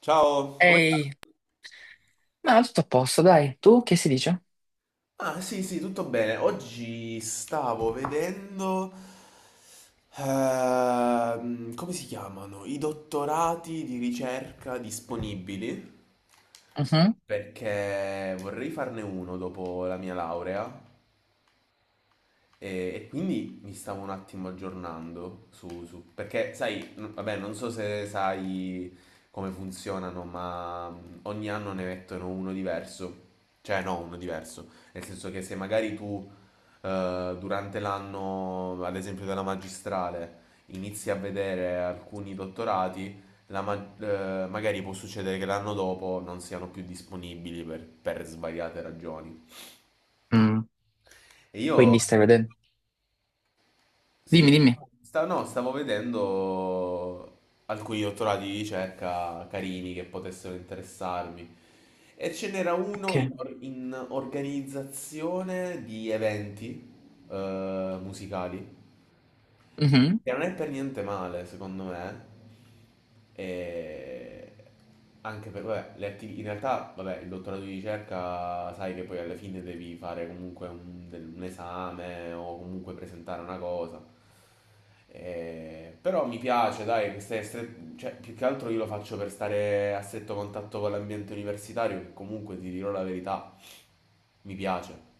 Ciao! Come sta? Ehi, ma tutto a posto, dai. Tu che si dice? Ah, sì, sì, tutto bene. Oggi stavo vedendo... come si chiamano? I dottorati di ricerca disponibili, Mhm. perché vorrei farne uno dopo la mia laurea. E quindi mi stavo un attimo aggiornando perché sai, vabbè, non so se sai come funzionano, ma ogni anno ne mettono uno diverso. Cioè, no, uno diverso. Nel senso che se magari tu durante l'anno, ad esempio della magistrale, inizi a vedere alcuni dottorati, magari può succedere che l'anno dopo non siano più disponibili per svariate ragioni. Mm. E io Quindi stai mm. vedendo? Sì, Dimmi, dimmi. No, stavo vedendo alcuni dottorati di ricerca carini che potessero interessarmi. E ce n'era uno in, Ok. In organizzazione di eventi musicali. Mhm. Che non è per niente male, secondo me. E anche per, vabbè, in realtà, vabbè, il dottorato di ricerca, sai che poi alla fine devi fare comunque un, un esame o comunque presentare una cosa. Però mi piace, dai, che cioè, più che altro io lo faccio per stare a stretto contatto con l'ambiente universitario, che comunque ti dirò la verità, mi piace.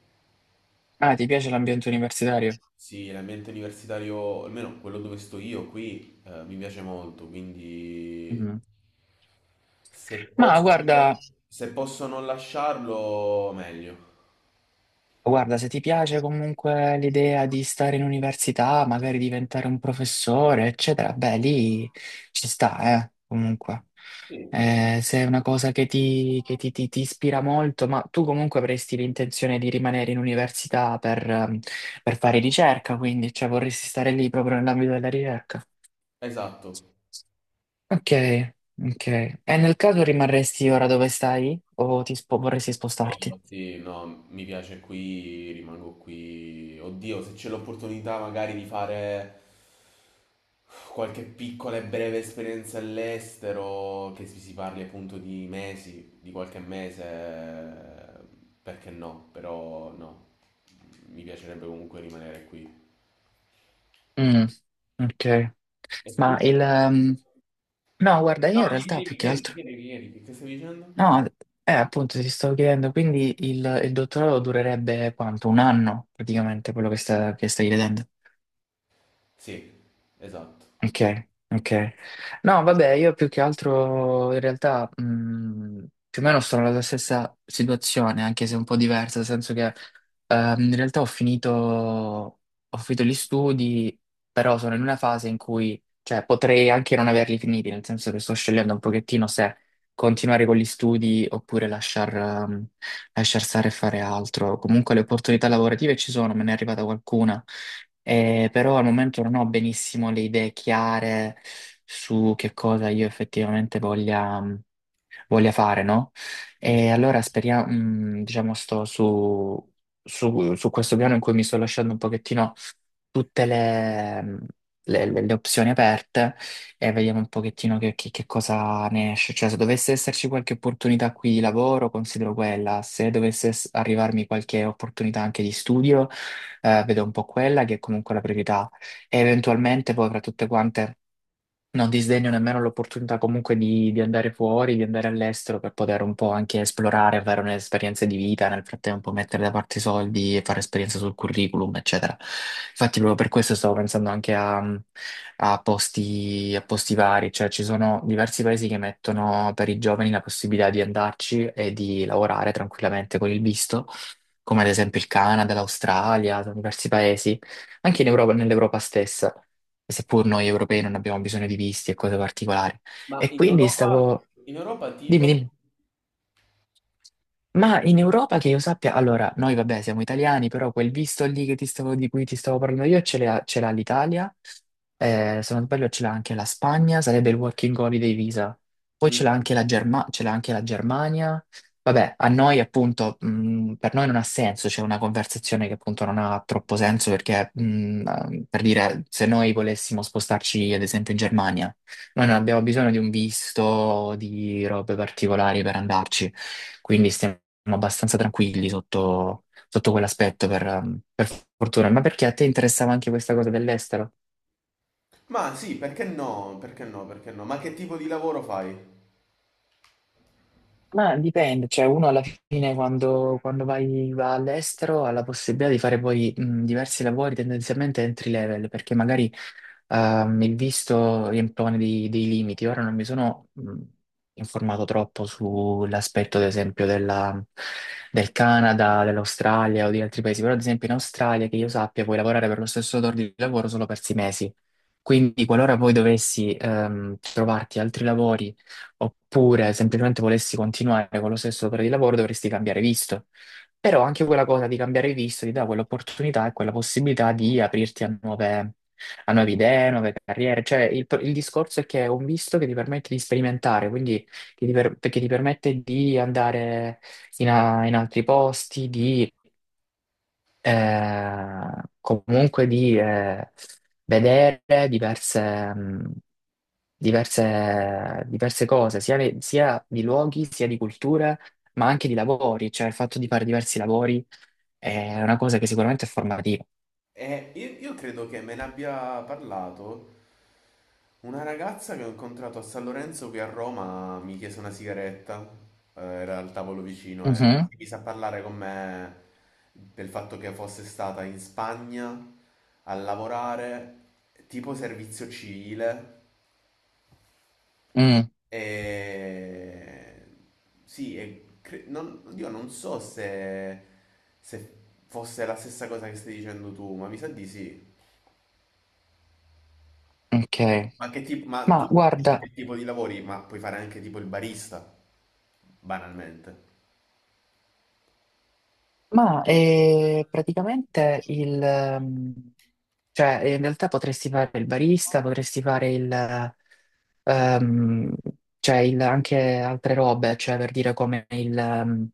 Ah, ti piace l'ambiente universitario? Sì, l'ambiente universitario, almeno quello dove sto io qui, mi piace molto, quindi Mhm. se Ma posso, guarda. se posso non lasciarlo, meglio. Guarda, se ti piace comunque l'idea di stare in università, magari diventare un professore, eccetera, beh, lì ci sta, comunque. Sì. Se è una cosa che ti ispira molto, ma tu comunque avresti l'intenzione di rimanere in università per fare ricerca, quindi, cioè, vorresti stare lì proprio nell'ambito della ricerca. Esatto. Ok, ok. E nel caso rimarresti ora dove stai o vorresti spostarti? No, sì, no, mi piace qui, rimango qui. Oddio, se c'è l'opportunità magari di fare qualche piccola e breve esperienza all'estero, che si parli appunto di mesi, di qualche mese, perché no? Però no, mi piacerebbe comunque rimanere qui. Mm, ok. E tu? Ma il, No, guarda, No, io in dimmi, realtà più dimmi, che chiedi, altro... chiedi, chiedi, che stavi dicendo? No, appunto ti stavo chiedendo, quindi il dottorato durerebbe quanto? 1 anno, praticamente, quello che, che stai vedendo? Sì, esatto. Ok, ok. No, vabbè, io più che altro in realtà più o meno sto nella stessa situazione, anche se un po' diversa, nel senso che in realtà ho finito gli studi, però sono in una fase in cui, cioè, potrei anche non averli finiti, nel senso che sto scegliendo un pochettino se continuare con gli studi oppure lasciar stare e fare altro. Comunque le opportunità lavorative ci sono, me ne è arrivata qualcuna. Però al momento non ho benissimo le idee chiare su che cosa io effettivamente voglia, voglia fare, no? E Mm. allora speriamo, mm, diciamo, sto su questo piano in cui mi sto lasciando un pochettino tutte le, le opzioni aperte e vediamo un pochettino che, che cosa ne esce. Cioè, se dovesse esserci qualche opportunità qui di lavoro, considero quella. Se arrivarmi qualche opportunità anche di studio, vedo un po' quella che è comunque la priorità e eventualmente poi fra tutte quante non disdegno nemmeno l'opportunità comunque di andare fuori, di andare all'estero per poter un po' anche esplorare, avere un'esperienza di vita, nel frattempo mettere da parte i soldi e fare esperienza sul curriculum, eccetera. Infatti, proprio per questo stavo pensando anche a posti vari, cioè ci sono diversi paesi che mettono per i giovani la possibilità di andarci e di lavorare tranquillamente con il visto, come ad esempio il Canada, l'Australia, diversi paesi, anche in Europa, nell'Europa stessa seppur noi europei non abbiamo bisogno di visti e cose particolari. Ma E quindi stavo... in Europa Dimmi, tipo? dimmi. Ma in Europa che io sappia, allora, noi vabbè siamo italiani, però quel visto lì che di cui ti stavo parlando io ce l'ha l'Italia, se non sbaglio ce l'ha anche la Spagna, sarebbe il Working Holiday Visa, poi ce l'ha Mm. anche ce l'ha anche la Germania, vabbè, a noi appunto, per noi non ha senso, c'è una conversazione che appunto non ha troppo senso perché, per dire, se noi volessimo spostarci ad esempio in Germania, noi non abbiamo bisogno di un visto, di robe particolari per andarci. Quindi stiamo siamo abbastanza tranquilli sotto, sotto quell'aspetto, per fortuna. Ma perché a te interessava anche questa cosa dell'estero? Ma sì, perché no? Perché no? Perché no? Ma che tipo di lavoro fai? Ma dipende, cioè uno alla fine quando vai, va all'estero ha la possibilità di fare poi diversi lavori tendenzialmente entry level, perché magari il visto riempone dei limiti. Ora non mi sono informato troppo sull'aspetto, ad esempio, del Canada, dell'Australia o di altri paesi, però ad esempio in Australia, che io sappia, puoi lavorare per lo stesso datore di lavoro solo per 6 mesi. Quindi qualora poi dovessi trovarti altri lavori. Oppure semplicemente volessi continuare con lo stesso datore di lavoro, dovresti cambiare visto. Però anche quella cosa di cambiare visto ti dà quell'opportunità e quella possibilità di aprirti a a nuove idee, nuove carriere. Cioè, il discorso è che è un visto che ti permette di sperimentare, quindi che che ti permette di andare in altri posti, di eh, comunque di vedere diverse diverse cose, sia di luoghi, sia di culture, ma anche di lavori, cioè il fatto di fare diversi lavori è una cosa che sicuramente è formativa. Io credo che me ne abbia parlato una ragazza che ho incontrato a San Lorenzo qui a Roma, mi chiese una sigaretta, era al tavolo vicino e Mhm. si mise a parlare con me del fatto che fosse stata in Spagna a lavorare tipo servizio civile. Mm, E... Sì, e cre- non, oddio, non so se, se fosse la stessa cosa che stai dicendo tu, ma mi sa di sì. ok, Ma, che tipo, ma ma tu dici guarda, che tipo di lavori? Ma puoi fare anche tipo il barista, banalmente. ma praticamente cioè in realtà potresti fare il barista, potresti fare ehm, cioè anche altre robe, cioè per dire come il, ehm,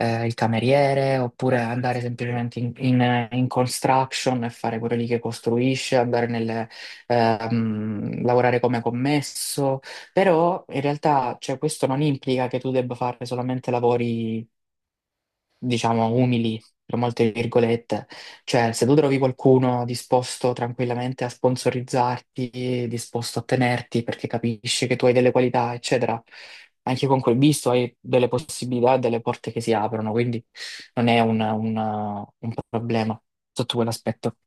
eh, il cameriere, oppure Ah, andare sì, ok. semplicemente in construction e fare quello lì che costruisce, lavorare come commesso, però in realtà cioè, questo non implica che tu debba fare solamente lavori diciamo, umili, tra molte virgolette. Cioè, se tu trovi qualcuno disposto tranquillamente a sponsorizzarti, disposto a tenerti perché capisce che tu hai delle qualità, eccetera, anche con quel visto hai delle possibilità, delle porte che si aprono, quindi non è un problema sotto quell'aspetto.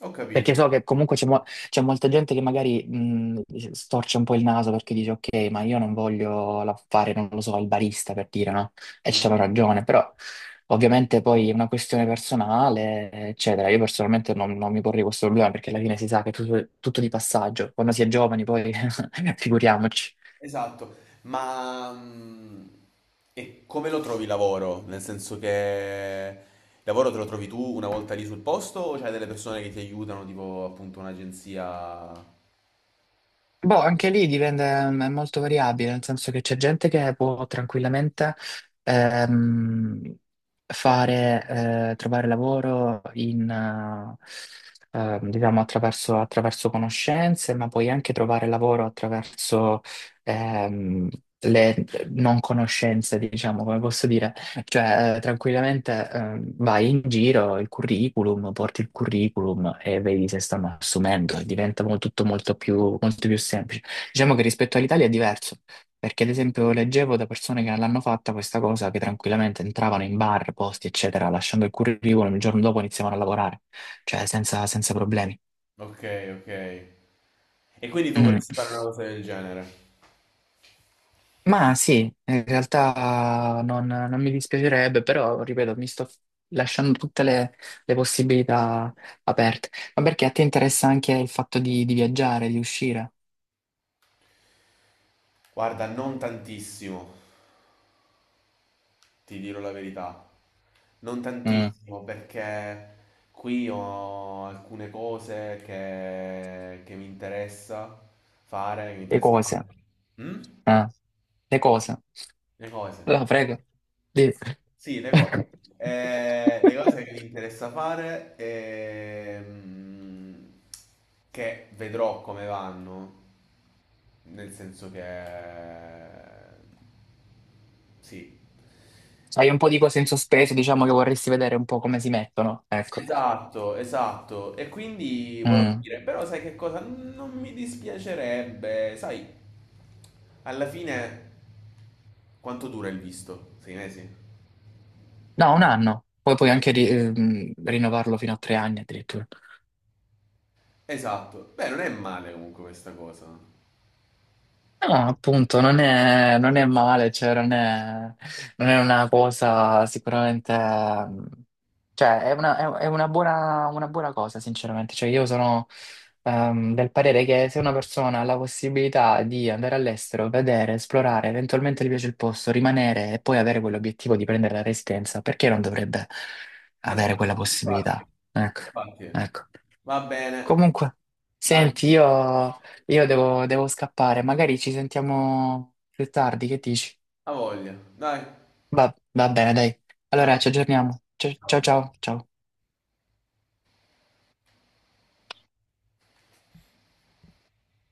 Ho Perché capito. so che comunque c'è molta gente che magari storce un po' il naso perché dice ok, ma io non voglio fare, non lo so, il barista per dire, no? E c'hanno Mm. ragione, però ovviamente poi è una questione personale, eccetera. Io personalmente non mi porrei questo problema perché alla fine si sa che è tutto di passaggio. Quando si è giovani poi figuriamoci. Esatto, ma e come lo trovi il lavoro? Nel senso che il lavoro te lo trovi tu una volta lì sul posto o c'hai delle persone che ti aiutano, tipo appunto un'agenzia? Boh, anche lì dipende, mm, è molto variabile, nel senso che c'è gente che può tranquillamente ehm, fare, trovare lavoro diciamo attraverso conoscenze, ma puoi anche trovare lavoro attraverso ehm, le non conoscenze, diciamo, come posso dire. Cioè, tranquillamente, vai in giro, il curriculum, porti il curriculum e vedi se stanno assumendo, tutto molto molto più semplice. Diciamo che rispetto all'Italia è diverso, perché ad esempio leggevo da persone che non l'hanno fatta questa cosa, che tranquillamente entravano in bar, posti, eccetera, lasciando il curriculum, il giorno dopo iniziavano a lavorare, cioè senza problemi. Ok, ok. E quindi tu Mm. vorresti fare una cosa del genere? Ma sì, in realtà non mi dispiacerebbe, però ripeto, mi sto lasciando tutte le possibilità aperte. Ma perché a te interessa anche il fatto di viaggiare, di uscire? Guarda, non tantissimo, ti dirò la verità. Non Mm. tantissimo, perché qui ho alcune cose che mi interessa fare, che mi Le interessa. cose, Mm? eh, le cose. Le cose. Allora, prego. Dì. Sì, le cose. Le cose che mi interessa fare che vedrò come vanno, nel senso che sì. Hai un po' di cose in sospeso, diciamo che vorresti vedere un po' come si mettono, ecco. Esatto, esatto. E quindi vorrò Mm. dire, però sai che cosa? Non mi dispiacerebbe, sai, alla fine quanto dura il visto? Sei mesi? No, 1 anno, poi puoi anche rinnovarlo fino a 3 anni addirittura. Esatto. Beh, non è male comunque questa cosa. No, appunto, non è male, cioè non è una cosa sicuramente, mm, cioè è è una una buona cosa, sinceramente. Cioè io sono del parere che se una persona ha la possibilità di andare all'estero, vedere, esplorare, eventualmente gli piace il posto, rimanere e poi avere quell'obiettivo di prendere la residenza, perché non dovrebbe avere quella Esatto, infatti, possibilità? Ecco, infatti. ecco. Va bene, Comunque, dai, senti, io devo, devo scappare, magari ci sentiamo più tardi, che dici? a voglia, dai, Va, va bene, dai. Allora, ciao. ci aggiorniamo. Ciao ciao ciao. Ciao.